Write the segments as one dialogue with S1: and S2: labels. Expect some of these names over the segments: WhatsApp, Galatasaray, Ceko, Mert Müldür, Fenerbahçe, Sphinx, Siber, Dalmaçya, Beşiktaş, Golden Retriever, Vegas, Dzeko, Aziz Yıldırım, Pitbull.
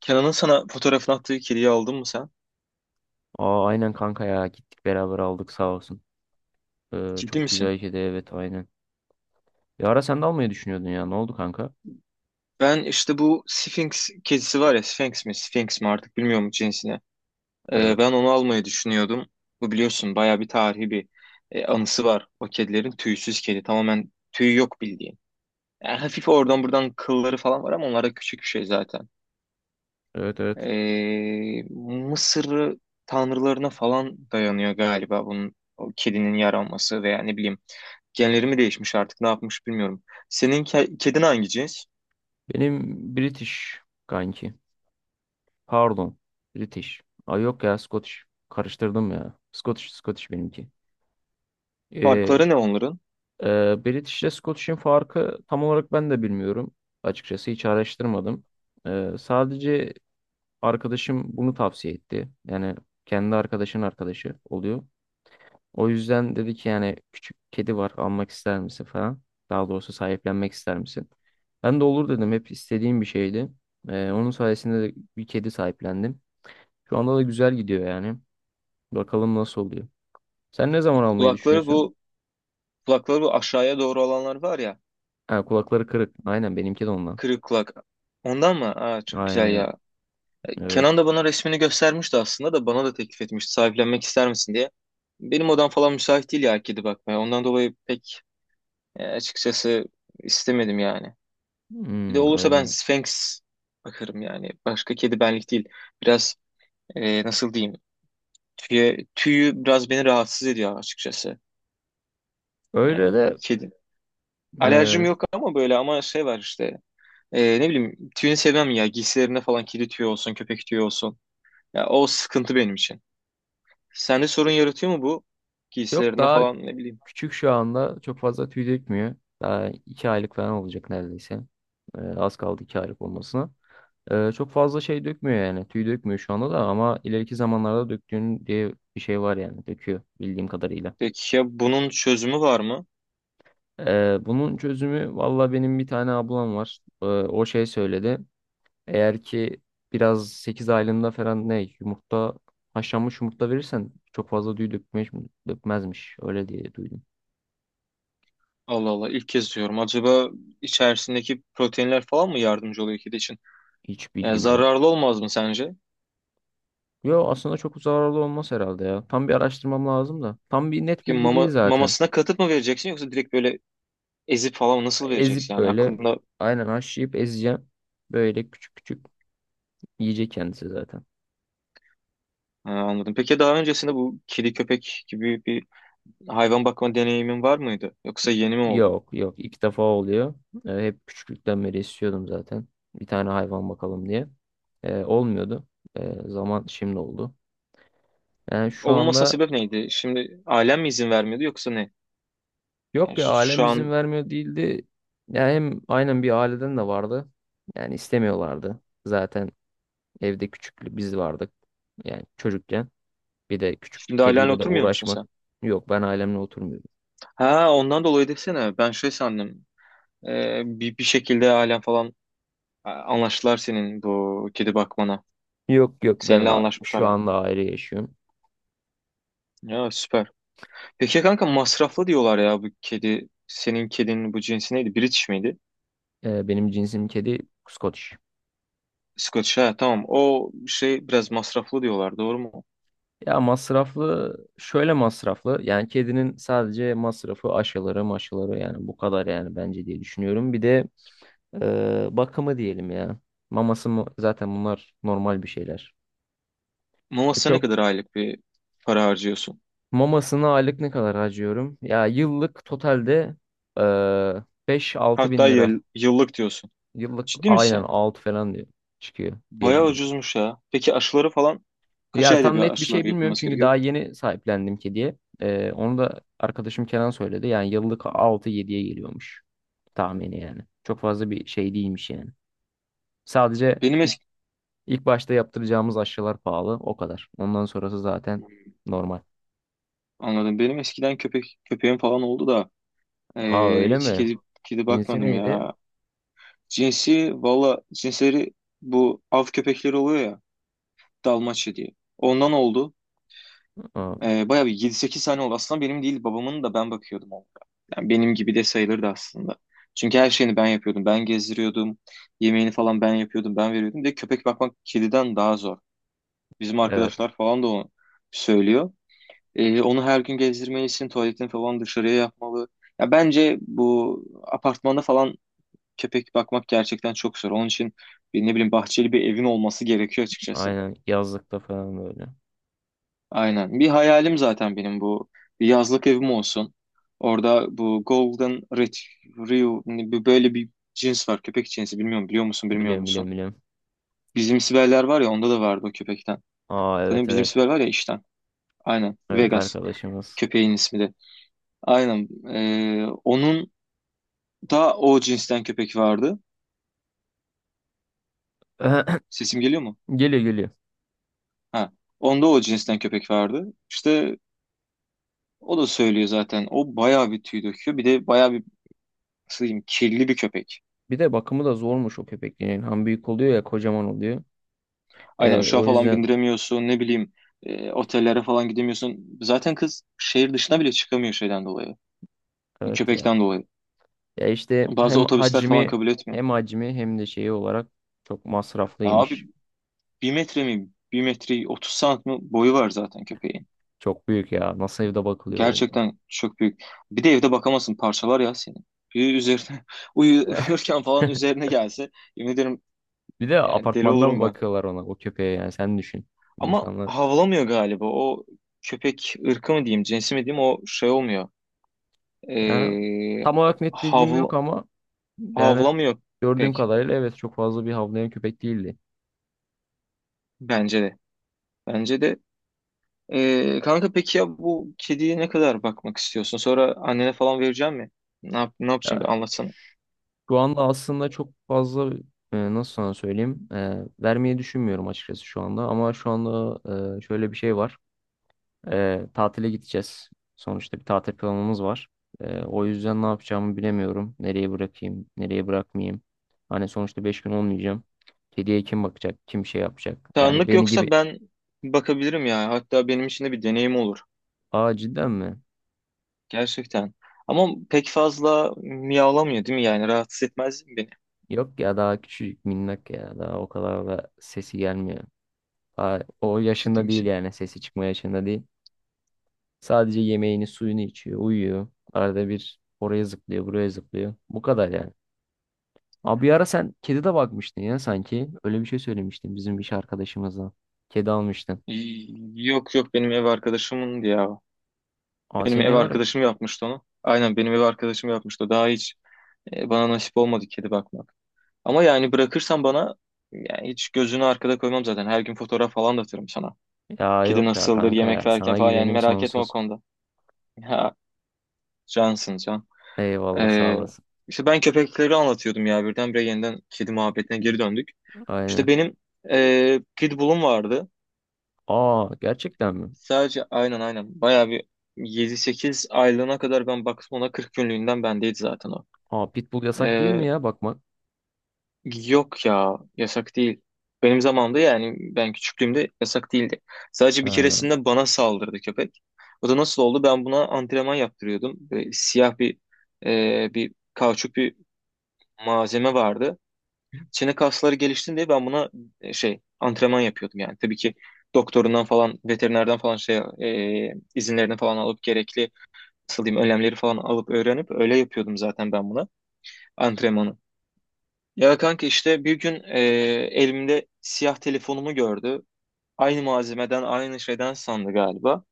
S1: Kenan'ın sana fotoğrafını attığı kediyi aldın mı sen?
S2: Aa, aynen kanka ya gittik beraber aldık sağ olsun. Ee,
S1: Ciddi
S2: çok güzel
S1: misin?
S2: işedi, evet, aynen. Bir ara sen de almayı düşünüyordun ya ne oldu kanka?
S1: Ben işte bu Sphinx kedisi var ya, Sphinx mi Sphinx mi artık bilmiyorum cinsine.
S2: Evet.
S1: Ben onu almayı düşünüyordum. Bu biliyorsun bayağı bir tarihi bir anısı var. O kedilerin tüysüz kedi, tamamen tüy yok bildiğin. Yani hafif oradan buradan kılları falan var ama onlar da küçük bir şey zaten.
S2: Evet evet.
S1: Ee, Mısır tanrılarına falan dayanıyor galiba bunun, o kedinin yaranması veya ne bileyim. Genleri mi değişmiş artık, ne yapmış bilmiyorum. Senin kedin hangi cins?
S2: Benim British kanki. Pardon. British. Ay yok ya Scottish. Karıştırdım ya. Scottish Scottish benimki. Ee,
S1: Farkları ne onların?
S2: British ile Scottish'in farkı tam olarak ben de bilmiyorum. Açıkçası hiç araştırmadım. Sadece arkadaşım bunu tavsiye etti. Yani kendi arkadaşın arkadaşı oluyor. O yüzden dedi ki yani küçük kedi var almak ister misin falan. Daha doğrusu sahiplenmek ister misin? Ben de olur dedim. Hep istediğim bir şeydi. Onun sayesinde de bir kedi sahiplendim. Şu anda da güzel gidiyor yani. Bakalım nasıl oluyor. Sen ne zaman almayı
S1: Kulakları
S2: düşünüyorsun?
S1: bu, kulakları bu aşağıya doğru olanlar var ya,
S2: Ha, kulakları kırık. Aynen benimki de ondan.
S1: kırık kulak. Ondan mı? Aa, çok güzel
S2: Aynen.
S1: ya.
S2: Evet.
S1: Kenan da bana resmini göstermişti aslında, da bana da teklif etmişti, sahiplenmek ister misin diye. Benim odam falan müsait değil ya kedi bakmaya. Ondan dolayı pek açıkçası istemedim yani. Bir de
S2: Hmm,
S1: olursa ben
S2: öyle.
S1: Sphinx bakarım yani. Başka kedi benlik değil. Biraz nasıl diyeyim? Tüye, tüyü biraz beni rahatsız ediyor açıkçası. Yani
S2: Öyle de,
S1: kedi. Alerjim
S2: e,
S1: yok ama böyle, ama şey var işte. Ne bileyim tüyünü sevmem ya. Giysilerinde falan kedi tüyü olsun, köpek tüyü olsun. Ya, o sıkıntı benim için. Sende sorun yaratıyor mu bu?
S2: yok
S1: Giysilerinde
S2: daha
S1: falan, ne bileyim.
S2: küçük şu anda çok fazla tüy dökmüyor. Daha 2 aylık falan olacak neredeyse. Az kaldı 2 aylık olmasına. Çok fazla şey dökmüyor yani. Tüy dökmüyor şu anda da ama ileriki zamanlarda döktüğün diye bir şey var yani. Döküyor bildiğim kadarıyla.
S1: Peki ya bunun çözümü var mı?
S2: Bunun çözümü, valla benim bir tane ablam var. O şey söyledi. Eğer ki biraz 8 aylığında falan ne yumurta, haşlanmış yumurta verirsen çok fazla tüy dökmez, dökmezmiş. Öyle diye duydum.
S1: Allah Allah, ilk kez diyorum. Acaba içerisindeki proteinler falan mı yardımcı oluyor kedi için?
S2: Hiç
S1: Yani
S2: bilgim yok.
S1: zararlı olmaz mı sence?
S2: Yo, aslında çok zararlı olmaz herhalde ya. Tam bir araştırmam lazım da. Tam bir net
S1: Peki
S2: bilgi değil
S1: mama,
S2: zaten.
S1: mamasına katıp mı vereceksin, yoksa direkt böyle ezip falan nasıl vereceksin?
S2: Ezip
S1: Yani
S2: böyle
S1: aklında.
S2: aynen haşlayıp ezeceğim. Böyle küçük küçük yiyecek kendisi zaten.
S1: Ha, anladım. Peki daha öncesinde bu kedi köpek gibi bir hayvan bakma deneyimin var mıydı? Yoksa yeni mi oldu?
S2: Yok yok, ilk defa oluyor. Hep küçüklükten beri istiyordum zaten. Bir tane hayvan bakalım diye. Olmuyordu. Zaman şimdi oldu. Yani şu
S1: Olunmasına
S2: anda,
S1: sebep neydi? Şimdi ailen mi izin vermiyordu, yoksa ne? Yani
S2: yok ya,
S1: şu
S2: ailem izin
S1: an,
S2: vermiyor değildi. Yani hem aynen bir aileden de vardı. Yani istemiyorlardı. Zaten evde küçük biz vardık. Yani çocukken. Bir de küçük
S1: şimdi ailenle
S2: kediyle de
S1: oturmuyor musun
S2: uğraşmak.
S1: sen?
S2: Yok, ben ailemle oturmuyorum.
S1: Ha, ondan dolayı desene. Ben şey sandım. Bir şekilde ailen falan anlaştılar senin bu kedi bakmana.
S2: Yok yok, ben
S1: Seninle anlaşmışlar
S2: şu
S1: yani.
S2: anda ayrı yaşıyorum.
S1: Ya, süper. Peki kanka, masraflı diyorlar ya bu kedi. Senin kedinin bu cinsi neydi? British miydi?
S2: Benim cinsim kedi Scottish.
S1: İskoç, ha, tamam. O şey biraz masraflı diyorlar, doğru mu?
S2: Ya masraflı, şöyle masraflı. Yani kedinin sadece masrafı aşıları maşıları yani bu kadar yani, bence diye düşünüyorum. Bir de bakımı diyelim ya. Zaten bunlar normal bir şeyler. E,
S1: Novas'a ne
S2: çok
S1: kadar aylık bir para harcıyorsun?
S2: Mamasına aylık ne kadar harcıyorum? Ya yıllık totalde eee 5-6
S1: Hatta
S2: bin lira.
S1: yıllık diyorsun.
S2: Yıllık
S1: Ciddi
S2: aynen
S1: misin?
S2: 6 falan diyor, çıkıyor
S1: Bayağı
S2: diyebiliyorum.
S1: ucuzmuş ya. Peki aşıları falan kaç
S2: Ya
S1: ayda
S2: tam
S1: bir
S2: net bir
S1: aşılar
S2: şey bilmiyorum
S1: yapılması
S2: çünkü
S1: gerekiyor?
S2: daha yeni sahiplendim kediye. Onu da arkadaşım Kenan söyledi. Yani yıllık 6-7'ye geliyormuş, tahmini yani. Çok fazla bir şey değilmiş yani. Sadece
S1: Benim
S2: ilk,
S1: eski,
S2: ilk başta yaptıracağımız aşılar pahalı o kadar. Ondan sonrası zaten normal.
S1: anladım. Benim eskiden köpek, köpeğim falan oldu da
S2: Aa, öyle
S1: hiç
S2: mi?
S1: kedi, kedi
S2: Cinsi
S1: bakmadım
S2: neydi?
S1: ya. Cinsi valla, cinsleri bu av köpekleri oluyor ya, Dalmaçya diye. Ondan oldu.
S2: Aa,
S1: Bayağı bir yedi sekiz sene oldu. Aslında benim değil, babamın, da ben bakıyordum onlara. Yani benim gibi de sayılırdı aslında. Çünkü her şeyini ben yapıyordum. Ben gezdiriyordum. Yemeğini falan ben yapıyordum. Ben veriyordum. Bir de köpek bakmak kediden daha zor. Bizim
S2: evet.
S1: arkadaşlar falan da onu söylüyor. Onu her gün gezdirmelisin. Tuvaletini falan dışarıya yapmalı. Ya bence bu apartmanda falan köpek bakmak gerçekten çok zor. Onun için bir, ne bileyim, bahçeli bir evin olması gerekiyor açıkçası.
S2: Aynen, yazlıkta falan böyle.
S1: Aynen. Bir hayalim zaten benim bu. Bir yazlık evim olsun. Orada bu Golden Retriever böyle bir cins var. Köpek cinsi. Bilmiyorum, biliyor musun bilmiyor
S2: Biliyorum
S1: musun?
S2: biliyorum biliyorum.
S1: Bizim Siberler var ya, onda da vardı o köpekten.
S2: Aa,
S1: Tanıyor,
S2: evet
S1: bizim
S2: evet.
S1: Siber var ya işten. Aynen.
S2: Evet,
S1: Vegas.
S2: arkadaşımız.
S1: Köpeğin ismi de. Aynen. Onun da o cinsten köpek vardı. Sesim geliyor mu?
S2: Geliyor geliyor.
S1: Ha. Onda o cinsten köpek vardı. İşte o da söylüyor zaten. O bayağı bir tüy döküyor. Bir de bayağı bir, nasıl diyeyim, kirli bir köpek.
S2: Bir de bakımı da zormuş o köpeklerin. Hem büyük oluyor ya, kocaman oluyor.
S1: Aynen,
S2: Ee,
S1: uçağa
S2: o
S1: falan
S2: yüzden,
S1: bindiremiyorsun, ne bileyim, otellere falan gidemiyorsun. Zaten kız şehir dışına bile çıkamıyor şeyden dolayı.
S2: evet ya.
S1: Köpekten dolayı.
S2: Ya işte
S1: Bazı
S2: hem
S1: otobüsler falan
S2: hacmi
S1: kabul etmiyor.
S2: hem hacmi hem de şeyi olarak çok
S1: Ya abi,
S2: masraflıymış.
S1: bir metre mi? Bir metre 30 santim mi boyu var zaten köpeğin.
S2: Çok büyük ya. Nasıl evde bakılıyor o?
S1: Gerçekten çok büyük. Bir de evde bakamazsın, parçalar ya senin. Bir üzerine uyurken falan üzerine gelse, yemin ederim
S2: Bir de
S1: yani, deli olurum
S2: apartmanda
S1: ben.
S2: bakıyorlar ona, o köpeğe, yani sen düşün.
S1: Ama
S2: İnsanlar.
S1: havlamıyor galiba. O köpek ırkı mı diyeyim, cinsi mi diyeyim, o şey olmuyor.
S2: Yani
S1: Ee,
S2: tam olarak net bilgim
S1: havl
S2: yok ama yani
S1: havlamıyor
S2: gördüğüm
S1: pek,
S2: kadarıyla evet, çok fazla bir havlayan köpek değildi.
S1: bence de. Bence de. Kanka, peki ya bu kediye ne kadar bakmak istiyorsun? Sonra annene falan vereceğim mi? Ne yap, ne yapacağım, bir
S2: Yani
S1: anlatsana.
S2: şu anda aslında çok fazla, nasıl sana söyleyeyim, vermeyi düşünmüyorum açıkçası şu anda, ama şu anda şöyle bir şey var. Tatile gideceğiz. Sonuçta bir tatil planımız var. O yüzden ne yapacağımı bilemiyorum. Nereye bırakayım, nereye bırakmayayım. Hani sonuçta 5 gün olmayacağım. Kediye kim bakacak, kim şey yapacak. Yani
S1: Tanrılık
S2: beni gibi.
S1: yoksa ben bakabilirim ya. Hatta benim için de bir deneyim olur.
S2: Aa, cidden mi?
S1: Gerçekten. Ama pek fazla miyavlamıyor değil mi yani? Rahatsız etmez mi beni?
S2: Yok ya, daha küçücük minnak ya. Daha o kadar da sesi gelmiyor. Daha o
S1: Ciddi
S2: yaşında değil,
S1: misin?
S2: yani sesi çıkma yaşında değil. Sadece yemeğini suyunu içiyor, uyuyor. Arada bir oraya zıplıyor, buraya zıplıyor. Bu kadar yani. Abi, bir ara sen kedi de bakmıştın ya sanki. Öyle bir şey söylemiştin bizim iş arkadaşımızla. Kedi almıştın.
S1: Yok yok, benim ev arkadaşımındı ya.
S2: Ama
S1: Benim ev
S2: seni var.
S1: arkadaşım yapmıştı onu. Aynen, benim ev arkadaşım yapmıştı. Daha iyi. E, bana nasip olmadı kedi bakmak. Ama yani bırakırsan bana, yani hiç gözünü arkada koymam zaten. Her gün fotoğraf falan da atarım sana.
S2: Ya
S1: Kedi
S2: yok ya
S1: nasıldır
S2: kanka
S1: yemek
S2: ya.
S1: verirken
S2: Sana
S1: falan, yani
S2: güvenim
S1: merak etme o
S2: sonsuz.
S1: konuda. Ha, cansın can.
S2: Eyvallah, sağ
S1: Ee,
S2: olasın.
S1: işte ben köpekleri anlatıyordum ya, birdenbire yeniden kedi muhabbetine geri döndük. İşte
S2: Aynen.
S1: benim Pitbull'um vardı.
S2: Aa, gerçekten mi?
S1: Sadece aynen, aynen bayağı bir yedi sekiz aylığına kadar ben baktım ona, 40 günlüğünden bendeydi zaten o.
S2: Aa, pitbull yasak değil
S1: E,
S2: mi ya bakmak?
S1: yok ya, yasak değil. Benim zamanımda, yani ben küçüklüğümde yasak değildi. Sadece bir
S2: Ha.
S1: keresinde bana saldırdı köpek. O da nasıl oldu? Ben buna antrenman yaptırıyordum. Böyle siyah bir bir kauçuk bir malzeme vardı. Çene kasları gelişsin diye ben buna şey antrenman yapıyordum yani. Tabii ki doktorundan falan, veterinerden falan, şey izinlerini falan alıp, gerekli, nasıl diyeyim, önlemleri falan alıp öğrenip öyle yapıyordum zaten ben buna antrenmanı. Ya kanka, işte bir gün elimde siyah telefonumu gördü. Aynı malzemeden, aynı şeyden sandı galiba.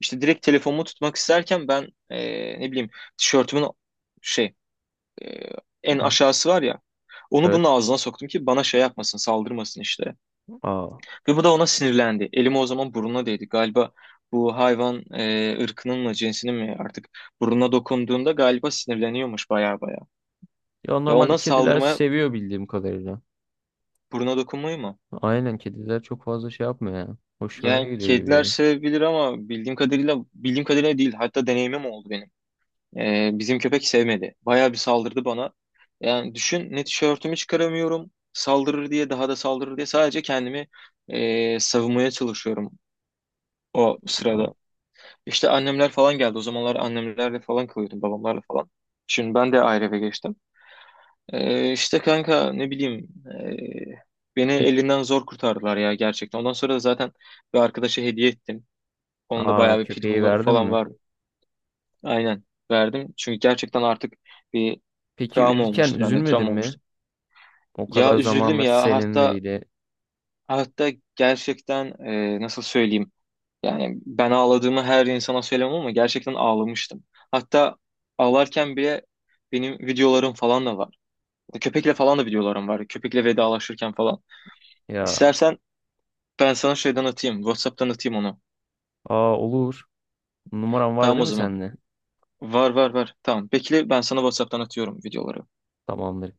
S1: İşte direkt telefonumu tutmak isterken ben, ne bileyim, tişörtümün şey e, en aşağısı var ya. Onu
S2: Evet.
S1: bunun ağzına soktum ki bana şey yapmasın, saldırmasın işte.
S2: Aa.
S1: Ve bu da ona sinirlendi. Elimi, o zaman burnuna değdi. Galiba bu hayvan ırkının mı, cinsinin mi artık, burnuna dokunduğunda galiba sinirleniyormuş, baya baya.
S2: Ya,
S1: Ya
S2: normalde
S1: ona
S2: kediler
S1: saldırmaya,
S2: seviyor bildiğim kadarıyla.
S1: burnuna dokunmayı mı?
S2: Aynen, kediler çok fazla şey yapmıyor ya. Hoşlarına
S1: Yani
S2: gidiyor gibi
S1: kediler
S2: yani.
S1: sevebilir ama bildiğim kadarıyla, bildiğim kadarıyla değil. Hatta deneyimim oldu benim. Bizim köpek sevmedi. Bayağı bir saldırdı bana. Yani düşün, ne tişörtümü çıkaramıyorum. Saldırır diye, daha da saldırır diye sadece kendimi savunmaya çalışıyorum o
S2: Aa.
S1: sırada. İşte annemler falan geldi. O zamanlar annemlerle falan kalıyordum, babamlarla falan. Şimdi ben de ayrı eve geçtim. İşte kanka, ne bileyim, ee, beni
S2: Peki,
S1: elinden zor kurtardılar ya, gerçekten. Ondan sonra da zaten bir arkadaşa hediye ettim. Onun da
S2: aa,
S1: bayağı bir
S2: köpeği
S1: pitbullları
S2: verdin
S1: falan
S2: mi?
S1: var. Aynen, verdim. Çünkü gerçekten artık bir
S2: Peki
S1: travma
S2: verirken
S1: olmuştu bende,
S2: üzülmedin
S1: travma
S2: mi?
S1: olmuştu.
S2: O
S1: Ya
S2: kadar
S1: üzüldüm
S2: zamanlar
S1: ya, hatta
S2: seninleydi.
S1: hatta gerçekten, nasıl söyleyeyim. Yani ben ağladığımı her insana söylemem ama gerçekten ağlamıştım. Hatta ağlarken bile benim videolarım falan da var. Köpekle falan da videolarım var. Köpekle vedalaşırken falan.
S2: Ya.
S1: İstersen ben sana şeyden atayım, WhatsApp'tan atayım onu.
S2: Aa, olur. Numaran var
S1: Tamam
S2: değil
S1: o
S2: mi
S1: zaman.
S2: sende?
S1: Var var var. Tamam. Bekle, ben sana WhatsApp'tan atıyorum videoları.
S2: Tamamdır.